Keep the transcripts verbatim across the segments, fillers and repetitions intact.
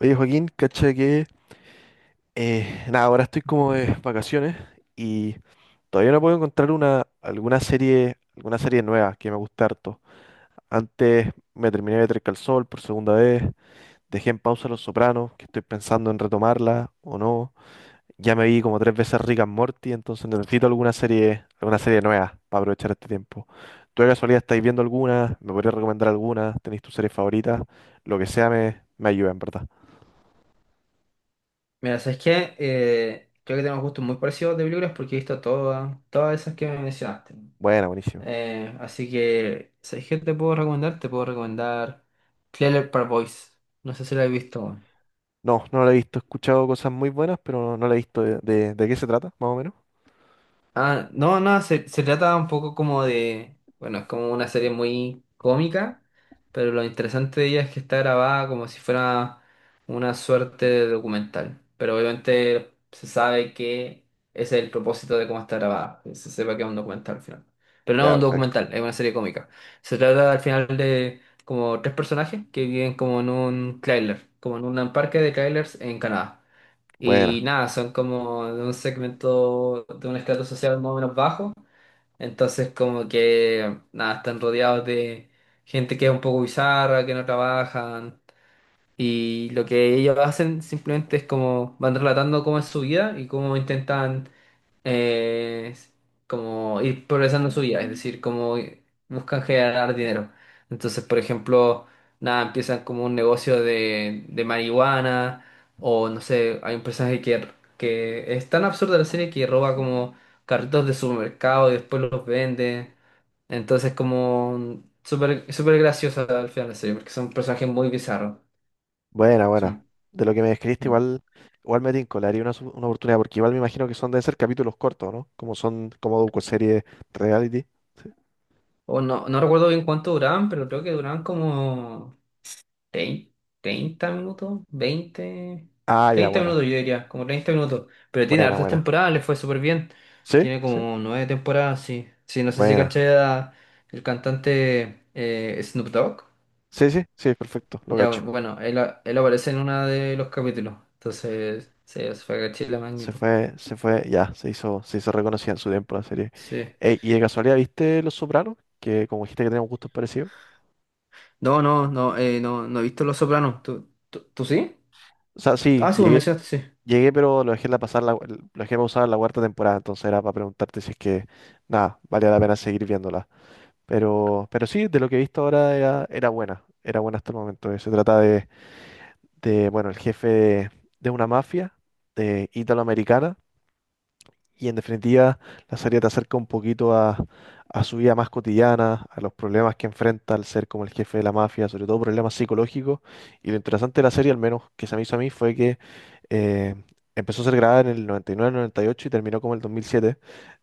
Oye, Joaquín, cacha que eh, nada, ahora estoy como de vacaciones y todavía no puedo encontrar una alguna serie, alguna serie nueva que me guste harto. Antes me terminé de Better Call Saul por segunda vez, dejé en pausa Los Sopranos, que estoy pensando en retomarla o no. Ya me vi como tres veces Rick and Morty, entonces necesito alguna serie, alguna serie nueva para aprovechar este tiempo. ¿Tú de casualidad estáis viendo alguna? ¿Me podrías recomendar alguna? ¿Tenéis tu serie favorita? Lo que sea me, me ayuda, en verdad. Mira, ¿sabes qué? Eh, creo que tenemos gustos muy parecidos de películas porque he visto todas, todas esas que me mencionaste. Buena, buenísima. Eh, así que, ¿sabes qué te puedo recomendar? Te puedo recomendar Trailer Park Boys. No sé si la he visto. No, no la he visto. He escuchado cosas muy buenas, pero no, no la he visto. ¿De, de, de qué se trata, más o menos? Ah, no, no, se, se trata un poco como de, bueno, es como una serie muy cómica, pero lo interesante de ella es que está grabada como si fuera una suerte de documental. Pero obviamente se sabe que ese es el propósito de cómo está grabada, que se sepa que es un documental al final. Pero no es Ya, un perfecto. documental, es una serie cómica. Se trata al final de como tres personajes que viven como en un trailer, como en un parque de trailers en Canadá. Y Buena, nada, son como de un segmento, de un estrato social más o menos bajo. Entonces como que nada, están rodeados de gente que es un poco bizarra, que no trabajan. Y lo que ellos hacen simplemente es como van relatando cómo es su vida y cómo intentan eh, como ir progresando en su vida, es decir, como buscan generar dinero. Entonces, por ejemplo, nada, empiezan como un negocio de, de marihuana o no sé, hay un personaje que, que es tan absurda la serie que roba como carritos de supermercado y después los vende. Entonces, como súper súper graciosa al final la serie, porque son personajes muy bizarros. buena, buena. Sí. De lo que me describiste, Mm. igual, igual me tinco, le haría una, su- una oportunidad, porque igual me imagino que son, deben ser capítulos cortos, ¿no? Como son, como docuseries reality. Sí. O no, no recuerdo bien cuánto duraban, pero creo que duraban como Trein- treinta minutos, veinte Ah, ya, treinta buena, minutos yo diría, como treinta minutos. Pero tiene buena, hartas buena. temporadas, le fue súper bien. ¿Sí? Tiene ¿Sí? como nueve temporadas, sí. Sí, no sé si Buena. caché a el cantante eh, Snoop Dogg. Sí, sí, sí, perfecto, lo Ya, cacho. bueno, él, él aparece en uno de los capítulos. Entonces, sí, eso fue caché la Se magnitud. fue, se fue, ya, se hizo, se hizo reconocida en su tiempo la serie. Sí. Ey, y de casualidad, ¿viste Los Sopranos? Que como dijiste que tenemos gustos parecidos. No, no, no, eh, no, no he visto Los Sopranos. ¿Tú, tú, tú sí? O sea, sí, Ah, sí, me llegué mencionaste, sí. Llegué, pero lo dejé la pasar la, lo dejé pausar la cuarta temporada, entonces era para preguntarte si es que, nada, valía la pena seguir viéndola. Pero, pero sí, de lo que he visto ahora era, era buena, era buena hasta el momento. Eh, Se trata de, de, bueno, el jefe de, de una mafia eh, italoamericana y en definitiva la serie te acerca un poquito a, a su vida más cotidiana, a los problemas que enfrenta al ser como el jefe de la mafia, sobre todo problemas psicológicos. Y lo interesante de la serie, al menos que se me hizo a mí, fue que eh, empezó a ser grabada en el noventa y nueve noventa y ocho y nueve, noventa y ocho y terminó como el dos mil siete.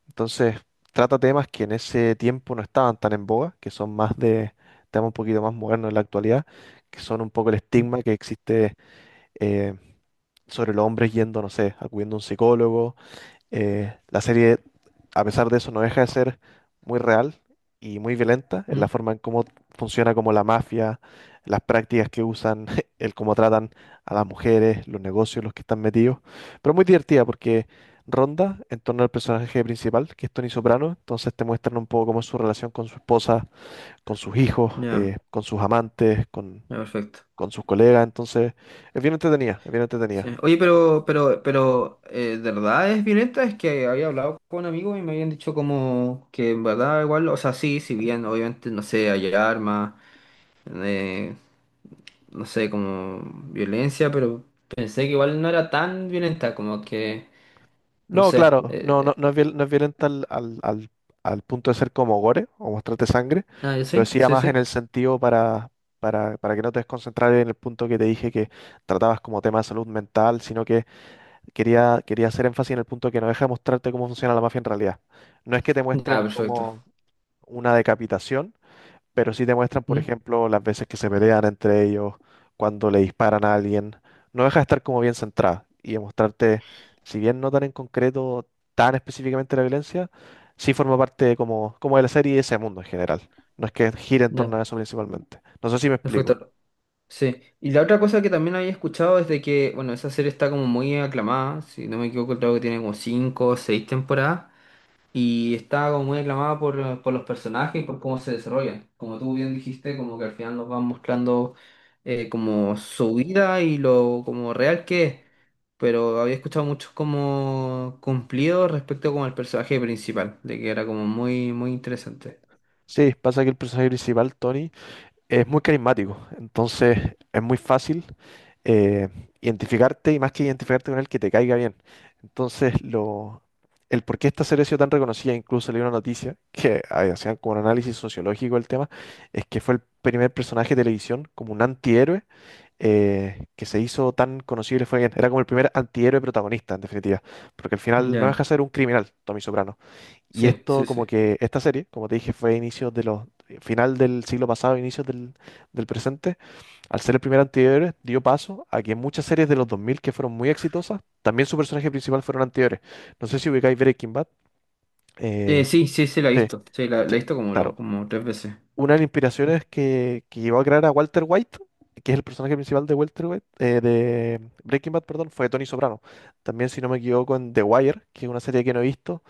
Entonces trata temas que en ese tiempo no estaban tan en boga, que son más de temas un poquito más modernos en la actualidad, que son un poco el estigma que existe eh, sobre los hombres yendo, no sé, acudiendo a un psicólogo. Eh, la serie, a pesar de eso, no deja de ser muy real y muy violenta en Mm. la forma en cómo funciona como la mafia, las prácticas que usan, el cómo tratan a las mujeres, los negocios, los que están metidos. Pero muy divertida porque ronda en torno al personaje principal, que es Tony Soprano. Entonces te muestran un poco cómo es su relación con su esposa, con sus hijos, Ya, eh, con sus amantes, con, ya, perfecto. con sus colegas. Entonces es bien entretenida, es bien Sí. entretenida. Oye, pero, pero, pero, eh, ¿de verdad es violenta? Es que había hablado con amigos y me habían dicho como que en verdad igual, o sea, sí, si bien obviamente, no sé, hay armas, eh, no sé, como violencia, pero pensé que igual no era tan violenta, como que, no No, sé. claro, no, no, Eh, no es, viol- no es violenta al, al, al- al punto de ser como gore o mostrarte sangre. ah, ¿ya Lo sí? decía Sí, más sí. en el sentido para, para, para que no te desconcentrar en el punto que te dije que tratabas como tema de salud mental, sino que quería, quería hacer énfasis en el punto que no deja de mostrarte cómo funciona la mafia en realidad. No es que te muestren Ya, perfecto. como una decapitación, pero sí demuestran, por ¿Mm? ejemplo, las veces que se pelean entre ellos, cuando le disparan a alguien. No deja de estar como bien centrada y demostrarte, si bien no tan en concreto, tan específicamente la violencia, sí forma parte de como, como de la serie y de ese mundo en general. No es que gire en Ya, torno a eso principalmente. No sé si me explico. perfecto. Sí. Y la otra cosa que también había escuchado es de que, bueno, esa serie está como muy aclamada, si no me equivoco, creo que tiene como cinco o seis temporadas. Y está como muy aclamada por, por los personajes y por cómo se desarrollan. Como tú bien dijiste, como que al final nos van mostrando eh, como su vida y lo como real que es. Pero había escuchado muchos como cumplidos respecto como al personaje principal, de que era como muy, muy interesante. Sí, pasa que el personaje principal, Tony, es muy carismático, entonces es muy fácil eh, identificarte y más que identificarte con él, que te caiga bien. Entonces, lo, el por qué esta serie ha sido tan reconocida, incluso leí una noticia que ah, hacían como un análisis sociológico del tema, es que fue el primer personaje de televisión como un antihéroe eh, que se hizo tan conocido y le fue bien. Era como el primer antihéroe protagonista, en definitiva, porque al final no deja Ya, de ser un criminal, Tommy Soprano, y sí, esto sí, como sí. que esta serie, como te dije, fue a inicios de los final del siglo pasado, inicios del, del presente, al ser el primer antihéroe, dio paso a que muchas series de los dos mil que fueron muy exitosas, también su personaje principal fueron antihéroes. No sé si ubicáis Breaking Bad. Eh, eh, sí, sí, sí, la he sí, visto. Sí, la, la he sí, visto como, claro. lo- como tres veces. Una de las Mm. inspiraciones que, que llevó a crear a Walter White, que es el personaje principal de Walter White, eh, de Breaking Bad, perdón, fue Tony Soprano. También, si no me equivoco, en The Wire, que es una serie que no he visto,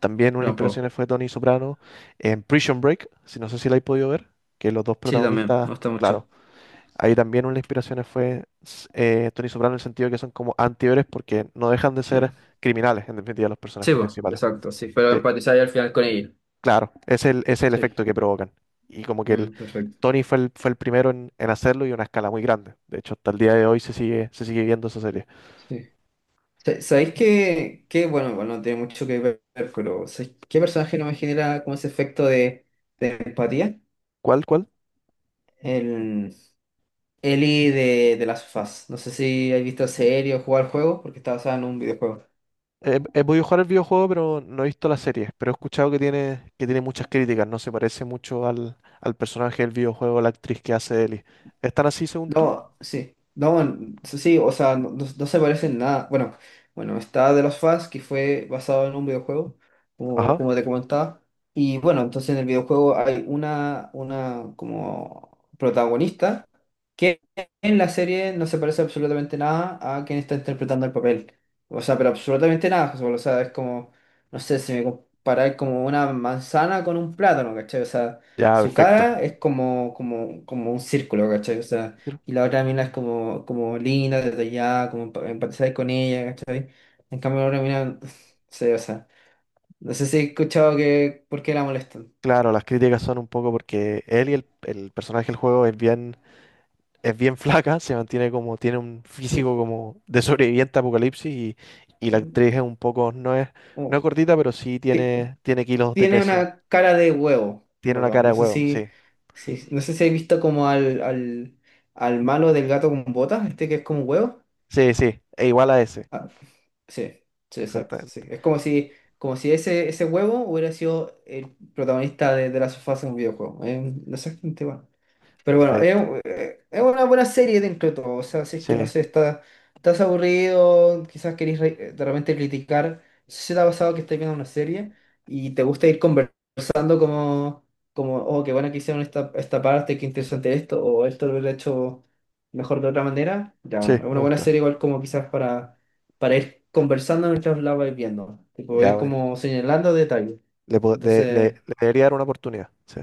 también una de Yo las un poco. inspiraciones fue Tony Soprano en Prison Break, si no sé si la habéis podido ver, que los dos Sí, también, me protagonistas, gusta claro, mucho. ahí también una de las inspiraciones fue s- eh, Tony Soprano en el sentido de que son como antihéroes porque no dejan de Sí, ser criminales, en definitiva, los sí, personajes pues, principales. exacto, sí. Pero Sí, empatizáis al final con ella. claro, es el, es el Sí. efecto que provocan. Y como que el, Mm, perfecto. Tony fue el, fue el primero en, en hacerlo y a una escala muy grande. De hecho, hasta el día de hoy se sigue, se sigue viendo esa serie. Sí. Sa- ¿Sabéis qué, qué, bueno, bueno no tiene mucho que ver, pero ¿sabéis qué personaje no me genera como ese efecto de empatía? ¿Cuál, cuál? El Eli de, de Last of Us. No sé si has visto la serie o jugado al juego, porque está basada en un videojuego. He, he podido jugar el videojuego, pero no he visto la serie. Pero he escuchado que tiene, que tiene muchas críticas. No se parece mucho al, al personaje del videojuego, la actriz que hace Ellie. ¿Están así según tú? No, sí. No, n- sí, o sea, no, no- no se parece en nada. Bueno, bueno, está de los Us, que fue basado en un videojuego, como, Ajá. como te comentaba. Y bueno, entonces en el videojuego hay una, una como protagonista que en la serie no se parece absolutamente nada a quien está interpretando el papel. O sea, pero absolutamente nada, José Pablo. O sea, es como, no sé, si me comparáis como una manzana con un plátano, ¿cachai? O sea, Ya, su perfecto. cara es como, como, como un círculo, ¿cachai? O sea Claro, y la otra mina es como, como linda desde como pa- empatizar con ella, ¿cachai? En cambio la otra mina, sí, o sea, no sé si he escuchado que por qué la molestan, Claro, las críticas son un poco porque Ellie, el, el personaje del juego, es bien, es bien flaca, se mantiene como, tiene un físico sí. como de sobreviviente a apocalipsis y, y la Sí. actriz es un poco, no es, no es Como, gordita, pero sí ti- tiene, tiene kilos de tiene peso. una cara de huevo, ¿en Tiene una verdad? cara de No sé huevo, si, sí. si- no sé si has visto como al, al, al, malo del gato con botas, este que es como un huevo. Sí, sí, e igual a ese. Ah, sí, sí, exacto, sí. Exactamente. Es como si, como si ese, ese huevo hubiera sido el protagonista de, de la sofá en un videojuego. Es exactamente igual. Pero bueno, es, Perfecto. un- eh, es una buena serie dentro de todo. O sea, si es que no Sí, sé, está, estás aburrido, quizás querés re- eh, de repente criticar. Si te ha pasado que estás viendo una serie y te gusta ir conversando como, como oh, qué bueno que hicieron esta, esta parte, qué interesante esto, o esto lo hubiera hecho mejor de otra manera. Ya, bueno, sí, es me una buena gusta. serie igual como quizás para, para ir conversando mientras la vais viendo. Tipo, Ya, ir bonito. como señalando detalles. Le, po- de- le, Entonces. le debería dar una oportunidad. Sí,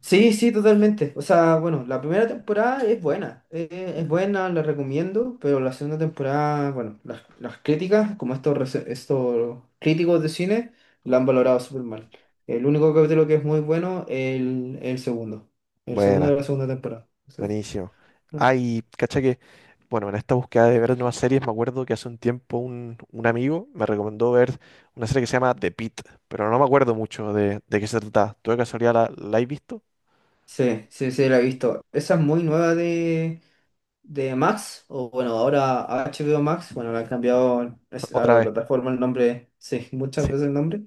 Sí, sí, totalmente. O sea, bueno, la primera temporada es buena, eh, sí. es buena, la recomiendo, pero la segunda temporada, bueno, las, las críticas, como estos, rece- estos críticos de cine, la han valorado súper mal. El único capítulo que es muy bueno es el, el segundo, el segundo de Buena, la segunda temporada. Sí, buenísimo. no. Ay, cacha que, bueno, en esta búsqueda de ver nuevas series, me acuerdo que hace un tiempo un, un amigo me recomendó ver una serie que se llama The Pitt, pero no me acuerdo mucho de, de qué se trataba. ¿Tú de casualidad la, la has visto? Sí, sí, sí, la he visto. Esa es muy nueva de, de Max, o bueno, ahora H B O Max, bueno, le han cambiado es- a Otra la vez. plataforma el nombre, sí, muchas Sí, veces el nombre.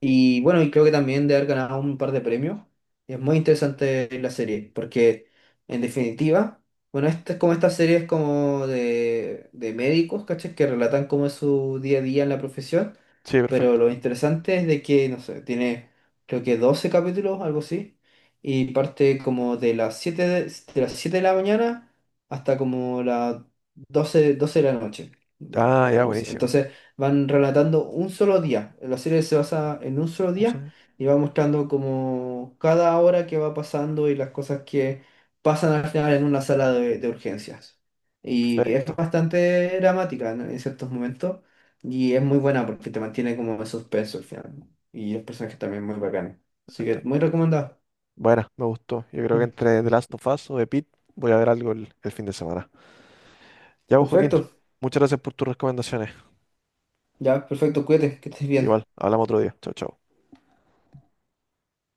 Y bueno, y creo que también de haber ganado un par de premios. Es muy interesante la serie, porque en definitiva, bueno, esta es como estas series como de, de médicos, ¿cachai? Que relatan cómo es su día a día en la profesión. sí, Pero perfecto. lo interesante es de que, no sé, tiene creo que doce capítulos, algo así, y parte como de las siete de, de las siete de la mañana hasta como las doce doce de la noche, Ah, ya, algo así. buenísimo. Entonces van relatando un solo día, la serie se basa en un solo Un día sonido. y va mostrando como cada hora que va pasando y las cosas que pasan al final en una sala de, de urgencias. Y es Perfecto. bastante dramática, ¿no?, en ciertos momentos. Y es muy buena porque te mantiene como en suspenso al final. Y el personaje también es muy bacán. Así Ento- que muy recomendado. Buena, me gustó. Yo creo que Mm. entre The Last of Us o The Pitt voy a ver algo el, el fin de semana. Ya, pues, Joaquín, Perfecto. muchas gracias por tus recomendaciones. Ya, perfecto. Cuídate, que estés bien. Igual, hablamos otro día. Chao, chao.